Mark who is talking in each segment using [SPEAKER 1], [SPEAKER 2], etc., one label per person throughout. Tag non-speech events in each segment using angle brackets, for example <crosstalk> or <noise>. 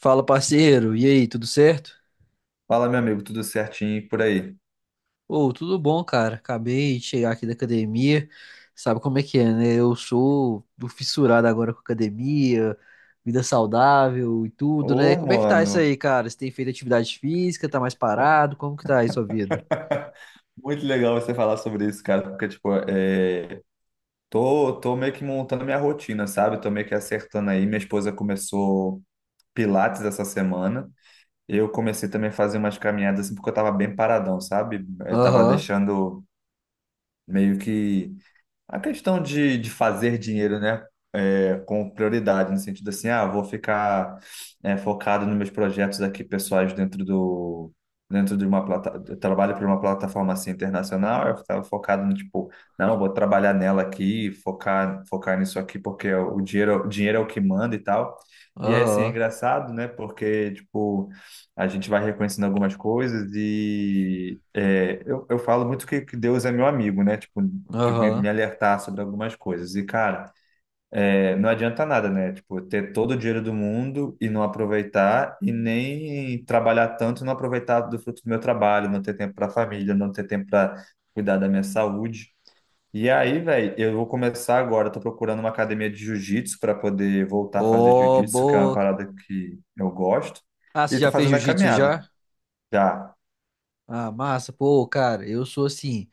[SPEAKER 1] Fala, parceiro. E aí, tudo certo?
[SPEAKER 2] Fala, meu amigo, tudo certinho e por aí?
[SPEAKER 1] Ô, tudo bom, cara. Acabei de chegar aqui da academia. Sabe como é que é, né? Eu sou do fissurado agora com academia, vida saudável e tudo,
[SPEAKER 2] Ô,
[SPEAKER 1] né? Como é que tá isso
[SPEAKER 2] mano,
[SPEAKER 1] aí, cara? Você tem feito atividade física? Tá mais parado? Como que tá aí sua vida?
[SPEAKER 2] <laughs> muito legal você falar sobre isso, cara, porque, tipo, tô meio que montando minha rotina, sabe? Tô meio que acertando aí. Minha esposa começou Pilates essa semana. Eu comecei também a fazer umas caminhadas, assim, porque eu tava bem paradão, sabe? Eu tava
[SPEAKER 1] Aham,
[SPEAKER 2] deixando meio que. A questão de fazer dinheiro, né? Com prioridade, no sentido assim, ah, vou ficar focado nos meus projetos aqui pessoais dentro de uma plataforma, eu trabalho para uma plataforma assim internacional, eu estava focado no tipo, não, vou trabalhar nela aqui, focar nisso aqui porque é o dinheiro é o que manda e tal. E aí, assim, é
[SPEAKER 1] aham,
[SPEAKER 2] engraçado, né? Porque, tipo, a gente vai reconhecendo algumas coisas e eu falo muito que Deus é meu amigo, né? Tipo, de me
[SPEAKER 1] aham.
[SPEAKER 2] alertar sobre algumas coisas. E, cara, não adianta nada, né? Tipo, ter todo o dinheiro do mundo e não aproveitar, e nem trabalhar tanto e não aproveitar do fruto do meu trabalho, não ter tempo para a família, não ter tempo para cuidar da minha saúde. E aí, velho, eu vou começar agora. Eu tô procurando uma academia de jiu-jitsu para poder voltar a fazer
[SPEAKER 1] Ô,
[SPEAKER 2] jiu-jitsu, que é uma
[SPEAKER 1] boa.
[SPEAKER 2] parada que eu gosto.
[SPEAKER 1] Ah,
[SPEAKER 2] E
[SPEAKER 1] você
[SPEAKER 2] tô
[SPEAKER 1] já fez
[SPEAKER 2] fazendo a
[SPEAKER 1] jiu-jitsu
[SPEAKER 2] caminhada.
[SPEAKER 1] já?
[SPEAKER 2] Já.
[SPEAKER 1] Ah, massa. Pô, cara, eu sou assim.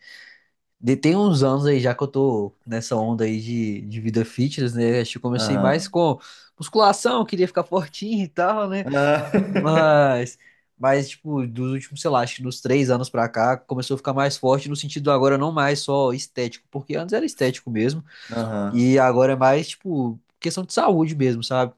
[SPEAKER 1] Tem uns anos aí já que eu tô nessa onda aí de vida fitness, né? Acho que eu comecei mais
[SPEAKER 2] Aham.
[SPEAKER 1] com musculação, queria ficar fortinho e tal, né?
[SPEAKER 2] Aham. <laughs>
[SPEAKER 1] Mas, mas tipo, dos últimos, sei lá, acho que dos três anos pra cá, começou a ficar mais forte no sentido agora não mais só estético, porque antes era estético mesmo,
[SPEAKER 2] Aham.
[SPEAKER 1] e agora é mais, tipo, questão de saúde mesmo, sabe?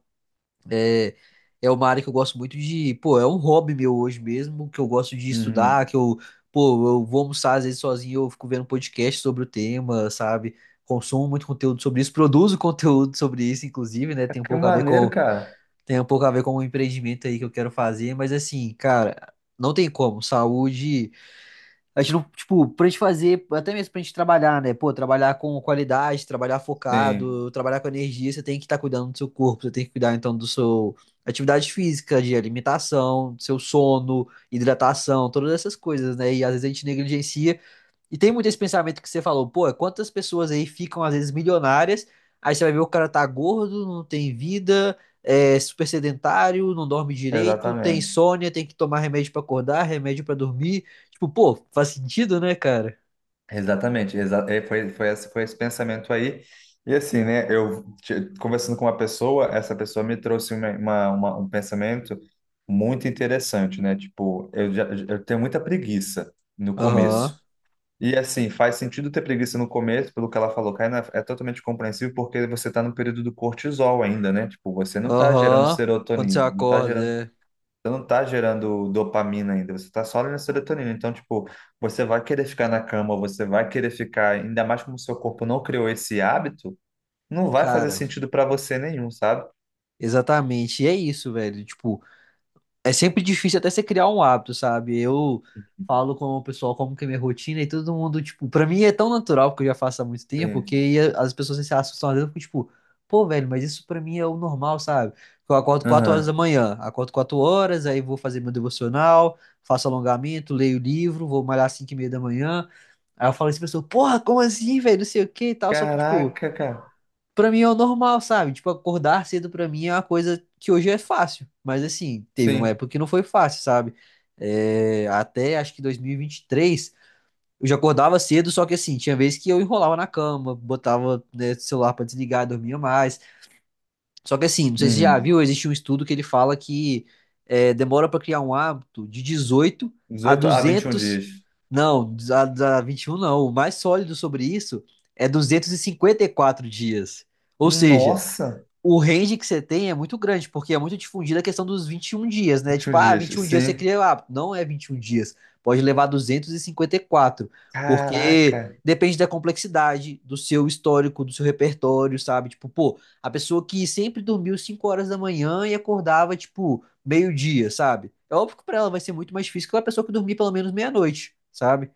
[SPEAKER 1] É, é uma área que eu gosto muito de. Pô, é um hobby meu hoje mesmo, que eu gosto de estudar,
[SPEAKER 2] Uhum.
[SPEAKER 1] que eu. Pô, eu vou almoçar às vezes sozinho, eu fico vendo podcast sobre o tema, sabe? Consumo muito conteúdo sobre isso, produzo <laughs> conteúdo sobre isso, inclusive, né?
[SPEAKER 2] É
[SPEAKER 1] Tem um
[SPEAKER 2] que
[SPEAKER 1] pouco a ver
[SPEAKER 2] maneiro,
[SPEAKER 1] com,
[SPEAKER 2] cara.
[SPEAKER 1] tem um pouco a ver com o empreendimento aí que eu quero fazer, mas assim, cara, não tem como. Saúde. A gente não, tipo, pra gente fazer, até mesmo pra gente trabalhar, né? Pô, trabalhar com qualidade, trabalhar
[SPEAKER 2] Sim.
[SPEAKER 1] focado, trabalhar com energia, você tem que estar cuidando do seu corpo, você tem que cuidar então do seu atividade física, de alimentação, do seu sono, hidratação, todas essas coisas, né? E às vezes a gente negligencia e tem muito esse pensamento que você falou, pô, quantas pessoas aí ficam às vezes milionárias, aí você vai ver o cara tá gordo, não tem vida, é super sedentário, não dorme direito, tem
[SPEAKER 2] Exatamente,
[SPEAKER 1] insônia, tem que tomar remédio pra acordar, remédio pra dormir. Tipo, pô, faz sentido, né, cara?
[SPEAKER 2] exatamente, exa é, foi, foi esse pensamento aí, e assim, né, conversando com uma pessoa, essa pessoa me trouxe um pensamento muito interessante, né, tipo, eu, já, eu tenho muita preguiça no começo,
[SPEAKER 1] Aham,
[SPEAKER 2] e assim, faz sentido ter preguiça no começo, pelo que ela falou, Kaina, é totalmente compreensível, porque você está no período do cortisol ainda, né, tipo, você não está gerando
[SPEAKER 1] aham. Quando você
[SPEAKER 2] serotonina, não está
[SPEAKER 1] acorda,
[SPEAKER 2] gerando.
[SPEAKER 1] é.
[SPEAKER 2] Você não tá gerando dopamina ainda, você tá só na serotonina. Então, tipo, você vai querer ficar na cama, você vai querer ficar, ainda mais como o seu corpo não criou esse hábito, não vai fazer
[SPEAKER 1] Cara,
[SPEAKER 2] sentido pra você nenhum, sabe?
[SPEAKER 1] exatamente. E é isso, velho. Tipo, é sempre difícil até você criar um hábito, sabe? Eu falo com o pessoal como que é minha rotina e todo mundo, tipo, pra mim é tão natural, porque eu já faço há muito tempo,
[SPEAKER 2] Sim.
[SPEAKER 1] que as pessoas se assustam às vezes, eu fico tipo, pô, velho, mas isso pra mim é o normal, sabe? Eu acordo 4 horas da
[SPEAKER 2] Aham.
[SPEAKER 1] manhã, acordo 4 horas, aí vou fazer meu devocional, faço alongamento, leio livro, vou malhar às 5 e meia da manhã. Aí eu falo assim pra pessoa, porra, como assim, velho? Não sei o que e tal, só que, tipo.
[SPEAKER 2] Caraca, cara.
[SPEAKER 1] Pra mim é o normal, sabe? Tipo, acordar cedo pra mim é uma coisa que hoje é fácil. Mas assim, teve uma
[SPEAKER 2] Sim.
[SPEAKER 1] época que não foi fácil, sabe? É, até acho que dois mil e vinte e três eu já acordava cedo, só que assim, tinha vezes que eu enrolava na cama, botava, né, o celular pra desligar, dormia mais. Só que assim, não sei se você já
[SPEAKER 2] Uhum.
[SPEAKER 1] viu, existe um estudo que ele fala que é, demora pra criar um hábito de 18 a
[SPEAKER 2] 18 a 21
[SPEAKER 1] 200
[SPEAKER 2] dias.
[SPEAKER 1] não, a 21 não. O mais sólido sobre isso é duzentos e cinquenta e quatro dias. Ou seja,
[SPEAKER 2] Nossa,
[SPEAKER 1] o range que você tem é muito grande, porque é muito difundida a questão dos 21 dias, né?
[SPEAKER 2] 21
[SPEAKER 1] Tipo, ah,
[SPEAKER 2] dias.
[SPEAKER 1] 21 dias você
[SPEAKER 2] Sim.
[SPEAKER 1] cria o hábito. Não é 21 dias. Pode levar duzentos e cinquenta e quatro,
[SPEAKER 2] Caraca.
[SPEAKER 1] porque depende da complexidade, do seu histórico, do seu repertório, sabe? Tipo, pô, a pessoa que sempre dormiu 5 horas da manhã e acordava, tipo, meio-dia, sabe? É óbvio que pra ela vai ser muito mais difícil que a pessoa que dormir pelo menos meia-noite, sabe?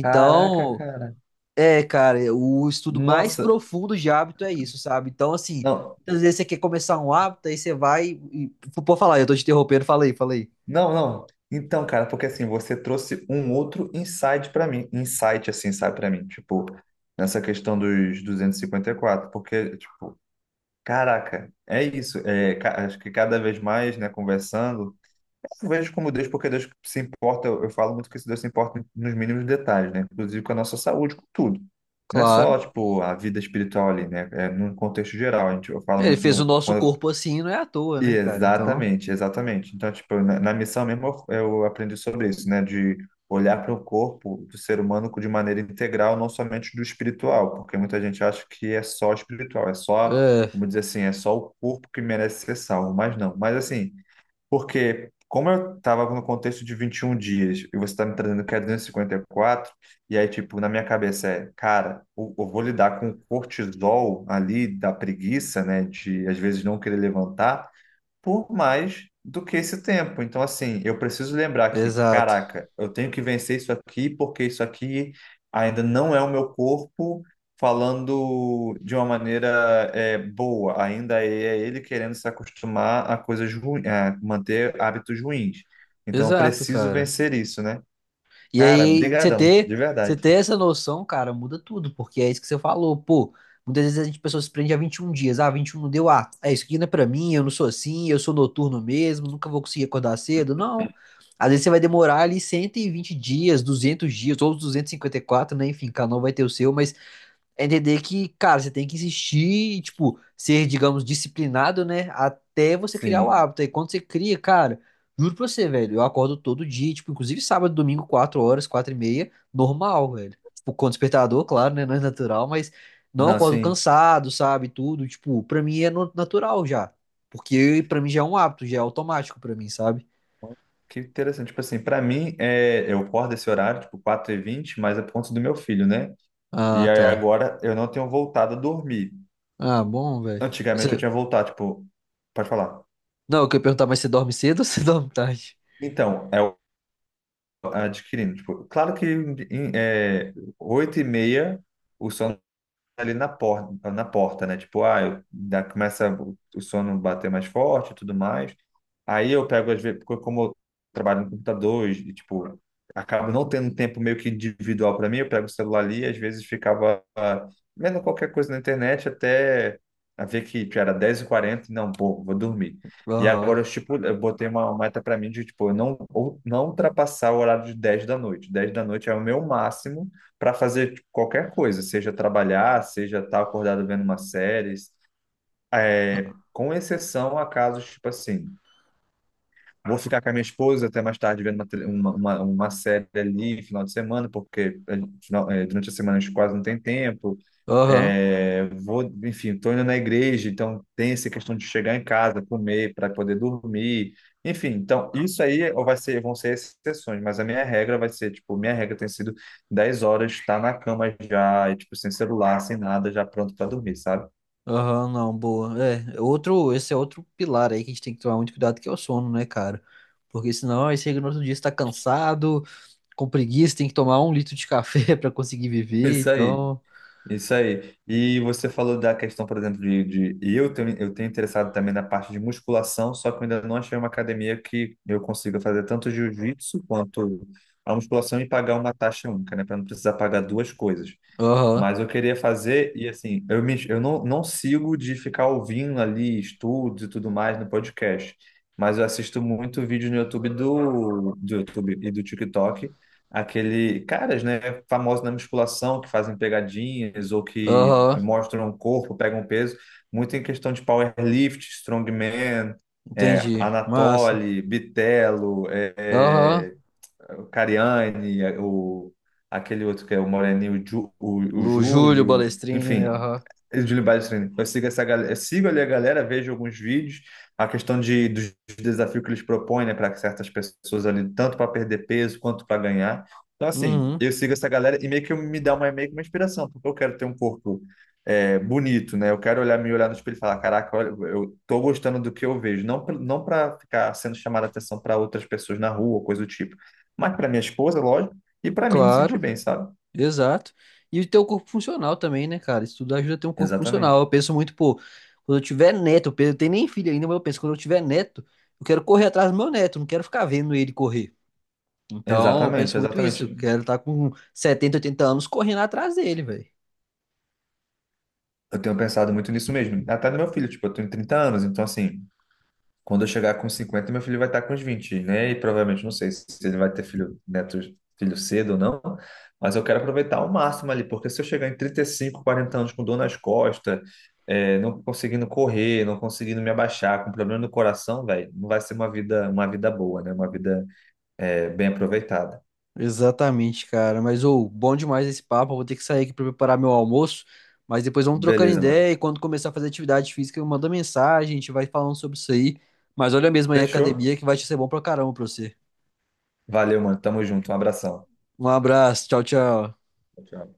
[SPEAKER 2] Caraca, cara.
[SPEAKER 1] É, cara, é, o estudo mais
[SPEAKER 2] Nossa.
[SPEAKER 1] profundo de hábito é isso, sabe? Então, assim,
[SPEAKER 2] Não.
[SPEAKER 1] muitas vezes você quer começar um hábito, aí você vai e... Pô, falar, eu tô te interrompendo, falei, falei.
[SPEAKER 2] Não, não. Então, cara, porque assim, você trouxe um outro insight pra mim, insight assim, sabe, pra mim, tipo, nessa questão dos duzentos e cinquenta e quatro, porque tipo, caraca, é isso, acho que cada vez mais, né, conversando, eu vejo como Deus, porque Deus se importa, eu falo muito que esse Deus se importa nos mínimos detalhes, né, inclusive com a nossa saúde, com tudo. Não é só,
[SPEAKER 1] Claro.
[SPEAKER 2] tipo, a vida espiritual ali, né, é num contexto geral, a gente, eu falo
[SPEAKER 1] Ele
[SPEAKER 2] muito
[SPEAKER 1] fez o
[SPEAKER 2] no,
[SPEAKER 1] nosso
[SPEAKER 2] quando.
[SPEAKER 1] corpo assim, não é à toa, né, cara? Então,
[SPEAKER 2] Exatamente, exatamente. Então, tipo, na missão mesmo eu aprendi sobre isso, né? De olhar para o corpo do ser humano de maneira integral, não somente do espiritual, porque muita gente acha que é só espiritual, é só,
[SPEAKER 1] é,
[SPEAKER 2] vamos dizer assim, é só o corpo que merece ser salvo, mas não. Mas assim, porque como eu estava no contexto de 21 dias e você está me trazendo que é 254, e cinquenta e quatro, e aí, tipo, na minha cabeça cara, eu vou lidar com o cortisol ali da preguiça, né? De às vezes não querer levantar por mais do que esse tempo. Então, assim, eu preciso lembrar que,
[SPEAKER 1] exato.
[SPEAKER 2] caraca, eu tenho que vencer isso aqui, porque isso aqui ainda não é o meu corpo falando de uma maneira boa. Ainda é ele querendo se acostumar a coisas ruins, a manter hábitos ruins. Então, eu
[SPEAKER 1] Exato,
[SPEAKER 2] preciso
[SPEAKER 1] cara.
[SPEAKER 2] vencer isso, né?
[SPEAKER 1] E
[SPEAKER 2] Cara,
[SPEAKER 1] aí,
[SPEAKER 2] brigadão, de
[SPEAKER 1] você
[SPEAKER 2] verdade.
[SPEAKER 1] ter essa noção, cara, muda tudo, porque é isso que você falou, pô. Muitas vezes a gente, pessoa se prende a 21 dias. Ah, 21 não deu, ah, é isso aqui não é pra mim, eu não sou assim, eu sou noturno mesmo, nunca vou conseguir acordar cedo. Não. Às vezes você vai demorar ali 120 dias, 200 dias, ou os 254 né? Enfim, cada um vai ter o seu, mas é entender que, cara, você tem que insistir e, tipo, ser, digamos, disciplinado, né? Até você criar o
[SPEAKER 2] Sim.
[SPEAKER 1] hábito. E quando você cria, cara, juro pra você, velho, eu acordo todo dia, tipo, inclusive sábado, domingo, 4 horas, 4 e meia, normal, velho. Tipo, com despertador, claro, né? Não é natural, mas não
[SPEAKER 2] Não,
[SPEAKER 1] acordo
[SPEAKER 2] sim.
[SPEAKER 1] cansado, sabe? Tudo, tipo, pra mim é natural já. Porque pra mim já é um hábito, já é automático pra mim, sabe?
[SPEAKER 2] Que interessante. Tipo assim, pra mim, eu acordo esse horário, tipo 4:20, mas é por conta do meu filho, né? E
[SPEAKER 1] Ah,
[SPEAKER 2] aí
[SPEAKER 1] tá.
[SPEAKER 2] agora eu não tenho voltado a dormir.
[SPEAKER 1] Ah, bom, velho.
[SPEAKER 2] Antigamente eu
[SPEAKER 1] Você-
[SPEAKER 2] tinha voltado, tipo, pode falar.
[SPEAKER 1] Não, eu queria perguntar, mas você dorme cedo ou você <laughs> dorme tarde?
[SPEAKER 2] Então, adquirindo, tipo, claro que em, 8:30 o sono ali na porta, né? Tipo, ah, começa o sono bater mais forte e tudo mais. Aí eu pego, às vezes, porque como eu trabalho no computador e, tipo, acabo não tendo um tempo meio que individual para mim, eu pego o celular ali e às vezes ficava vendo qualquer coisa na internet até a ver que tipo, era 10:40 e não, pô, vou dormir. E
[SPEAKER 1] Aham.
[SPEAKER 2] agora eu, tipo, eu botei uma meta para mim de, tipo, eu não, ou- não ultrapassar o horário de 10 da noite. 10 da noite é o meu máximo para fazer tipo, qualquer coisa, seja trabalhar, seja estar acordado vendo uma série, com exceção a casos tipo assim. Vou ficar com a minha esposa até mais tarde vendo uma, tele- uma série ali, final de semana, porque durante a semana a gente quase não tem tempo.
[SPEAKER 1] Aham.
[SPEAKER 2] Enfim, estou indo na igreja, então tem essa questão de chegar em casa, comer para poder dormir. Enfim, então isso aí vai ser, vão ser exceções, mas a minha regra vai ser, tipo, minha regra tem sido 10 horas, estar na cama já, e, tipo, sem celular, sem nada, já pronto para dormir, sabe?
[SPEAKER 1] Aham, não, boa. É, outro, esse é outro pilar aí que a gente tem que tomar muito cuidado, que é o sono, né, cara? Porque senão aí chega no outro dia, você tá cansado, com preguiça, tem que tomar um litro de café <laughs> pra conseguir viver,
[SPEAKER 2] Isso aí.
[SPEAKER 1] então...
[SPEAKER 2] Isso aí. E você falou da questão, por exemplo, de eu tenho interessado também na parte de musculação, só que eu ainda não achei uma academia que eu consiga fazer tanto jiu-jitsu quanto a musculação e pagar uma taxa única, né? Para não precisar pagar duas coisas.
[SPEAKER 1] Aham,
[SPEAKER 2] Mas eu queria fazer, e assim, eu não sigo de ficar ouvindo ali estudos e tudo mais no podcast, mas eu assisto muito vídeo no YouTube do YouTube e do TikTok, aquele caras, né, famosos na musculação, que fazem pegadinhas ou que
[SPEAKER 1] aham,
[SPEAKER 2] mostram o corpo, pegam peso, muito em questão de powerlift, strongman,
[SPEAKER 1] entendi. Massa.
[SPEAKER 2] Anatoly, Bitelo,
[SPEAKER 1] Aham,
[SPEAKER 2] o Cariani, aquele outro que é o Moreninho, o
[SPEAKER 1] o Júlio
[SPEAKER 2] Júlio,
[SPEAKER 1] Balestrini, né,
[SPEAKER 2] enfim,
[SPEAKER 1] aham.
[SPEAKER 2] o Júlio Balestrini. Eu sigo ali a galera, vejo alguns vídeos, a questão dos desafios que eles propõem, né, para certas pessoas ali, tanto para perder peso quanto para ganhar. Então, assim,
[SPEAKER 1] Uhum,
[SPEAKER 2] eu sigo essa galera e meio que me dá uma, meio que uma inspiração, porque eu quero ter um corpo bonito, né? Eu quero olhar, me olhar no espelho e falar, caraca, olha, eu tô gostando do que eu vejo. Não, não para ficar sendo chamada atenção para outras pessoas na rua, coisa do tipo, mas para minha esposa, lógico, e para mim me sentir
[SPEAKER 1] claro.
[SPEAKER 2] bem, sabe?
[SPEAKER 1] Exato. E ter o corpo funcional também, né, cara? Isso tudo ajuda a ter um corpo funcional.
[SPEAKER 2] Exatamente.
[SPEAKER 1] Eu penso muito, pô, quando eu tiver neto, eu tenho nem filho ainda, mas eu penso, quando eu tiver neto, eu quero correr atrás do meu neto, eu não quero ficar vendo ele correr. Então, eu
[SPEAKER 2] Exatamente,
[SPEAKER 1] penso muito
[SPEAKER 2] exatamente.
[SPEAKER 1] isso. eu Quero estar com 70 80 anos correndo atrás dele, velho.
[SPEAKER 2] Eu tenho pensado muito nisso mesmo. Até no meu filho, tipo, eu tenho 30 anos, então assim, quando eu chegar com 50, meu filho vai estar com uns 20, né? E provavelmente, não sei se ele vai ter filho, neto, filho cedo ou não, mas eu quero aproveitar ao máximo ali, porque se eu chegar em 35, 40 anos com dor nas costas, não conseguindo correr, não conseguindo me abaixar, com problema no coração, velho, não vai ser uma vida boa, né? Uma vida, bem aproveitada.
[SPEAKER 1] Exatamente, cara. Mas, ô, bom demais esse papo. Eu vou ter que sair aqui pra preparar meu almoço. Mas depois vamos trocando
[SPEAKER 2] Beleza, mano.
[SPEAKER 1] ideia e quando começar a fazer atividade física, eu mando mensagem, a gente vai falando sobre isso aí. Mas olha mesmo aí a
[SPEAKER 2] Fechou.
[SPEAKER 1] academia que vai te ser bom pra caramba pra você.
[SPEAKER 2] Valeu, mano. Tamo junto. Um abração.
[SPEAKER 1] Um abraço, tchau, tchau.
[SPEAKER 2] Tchau.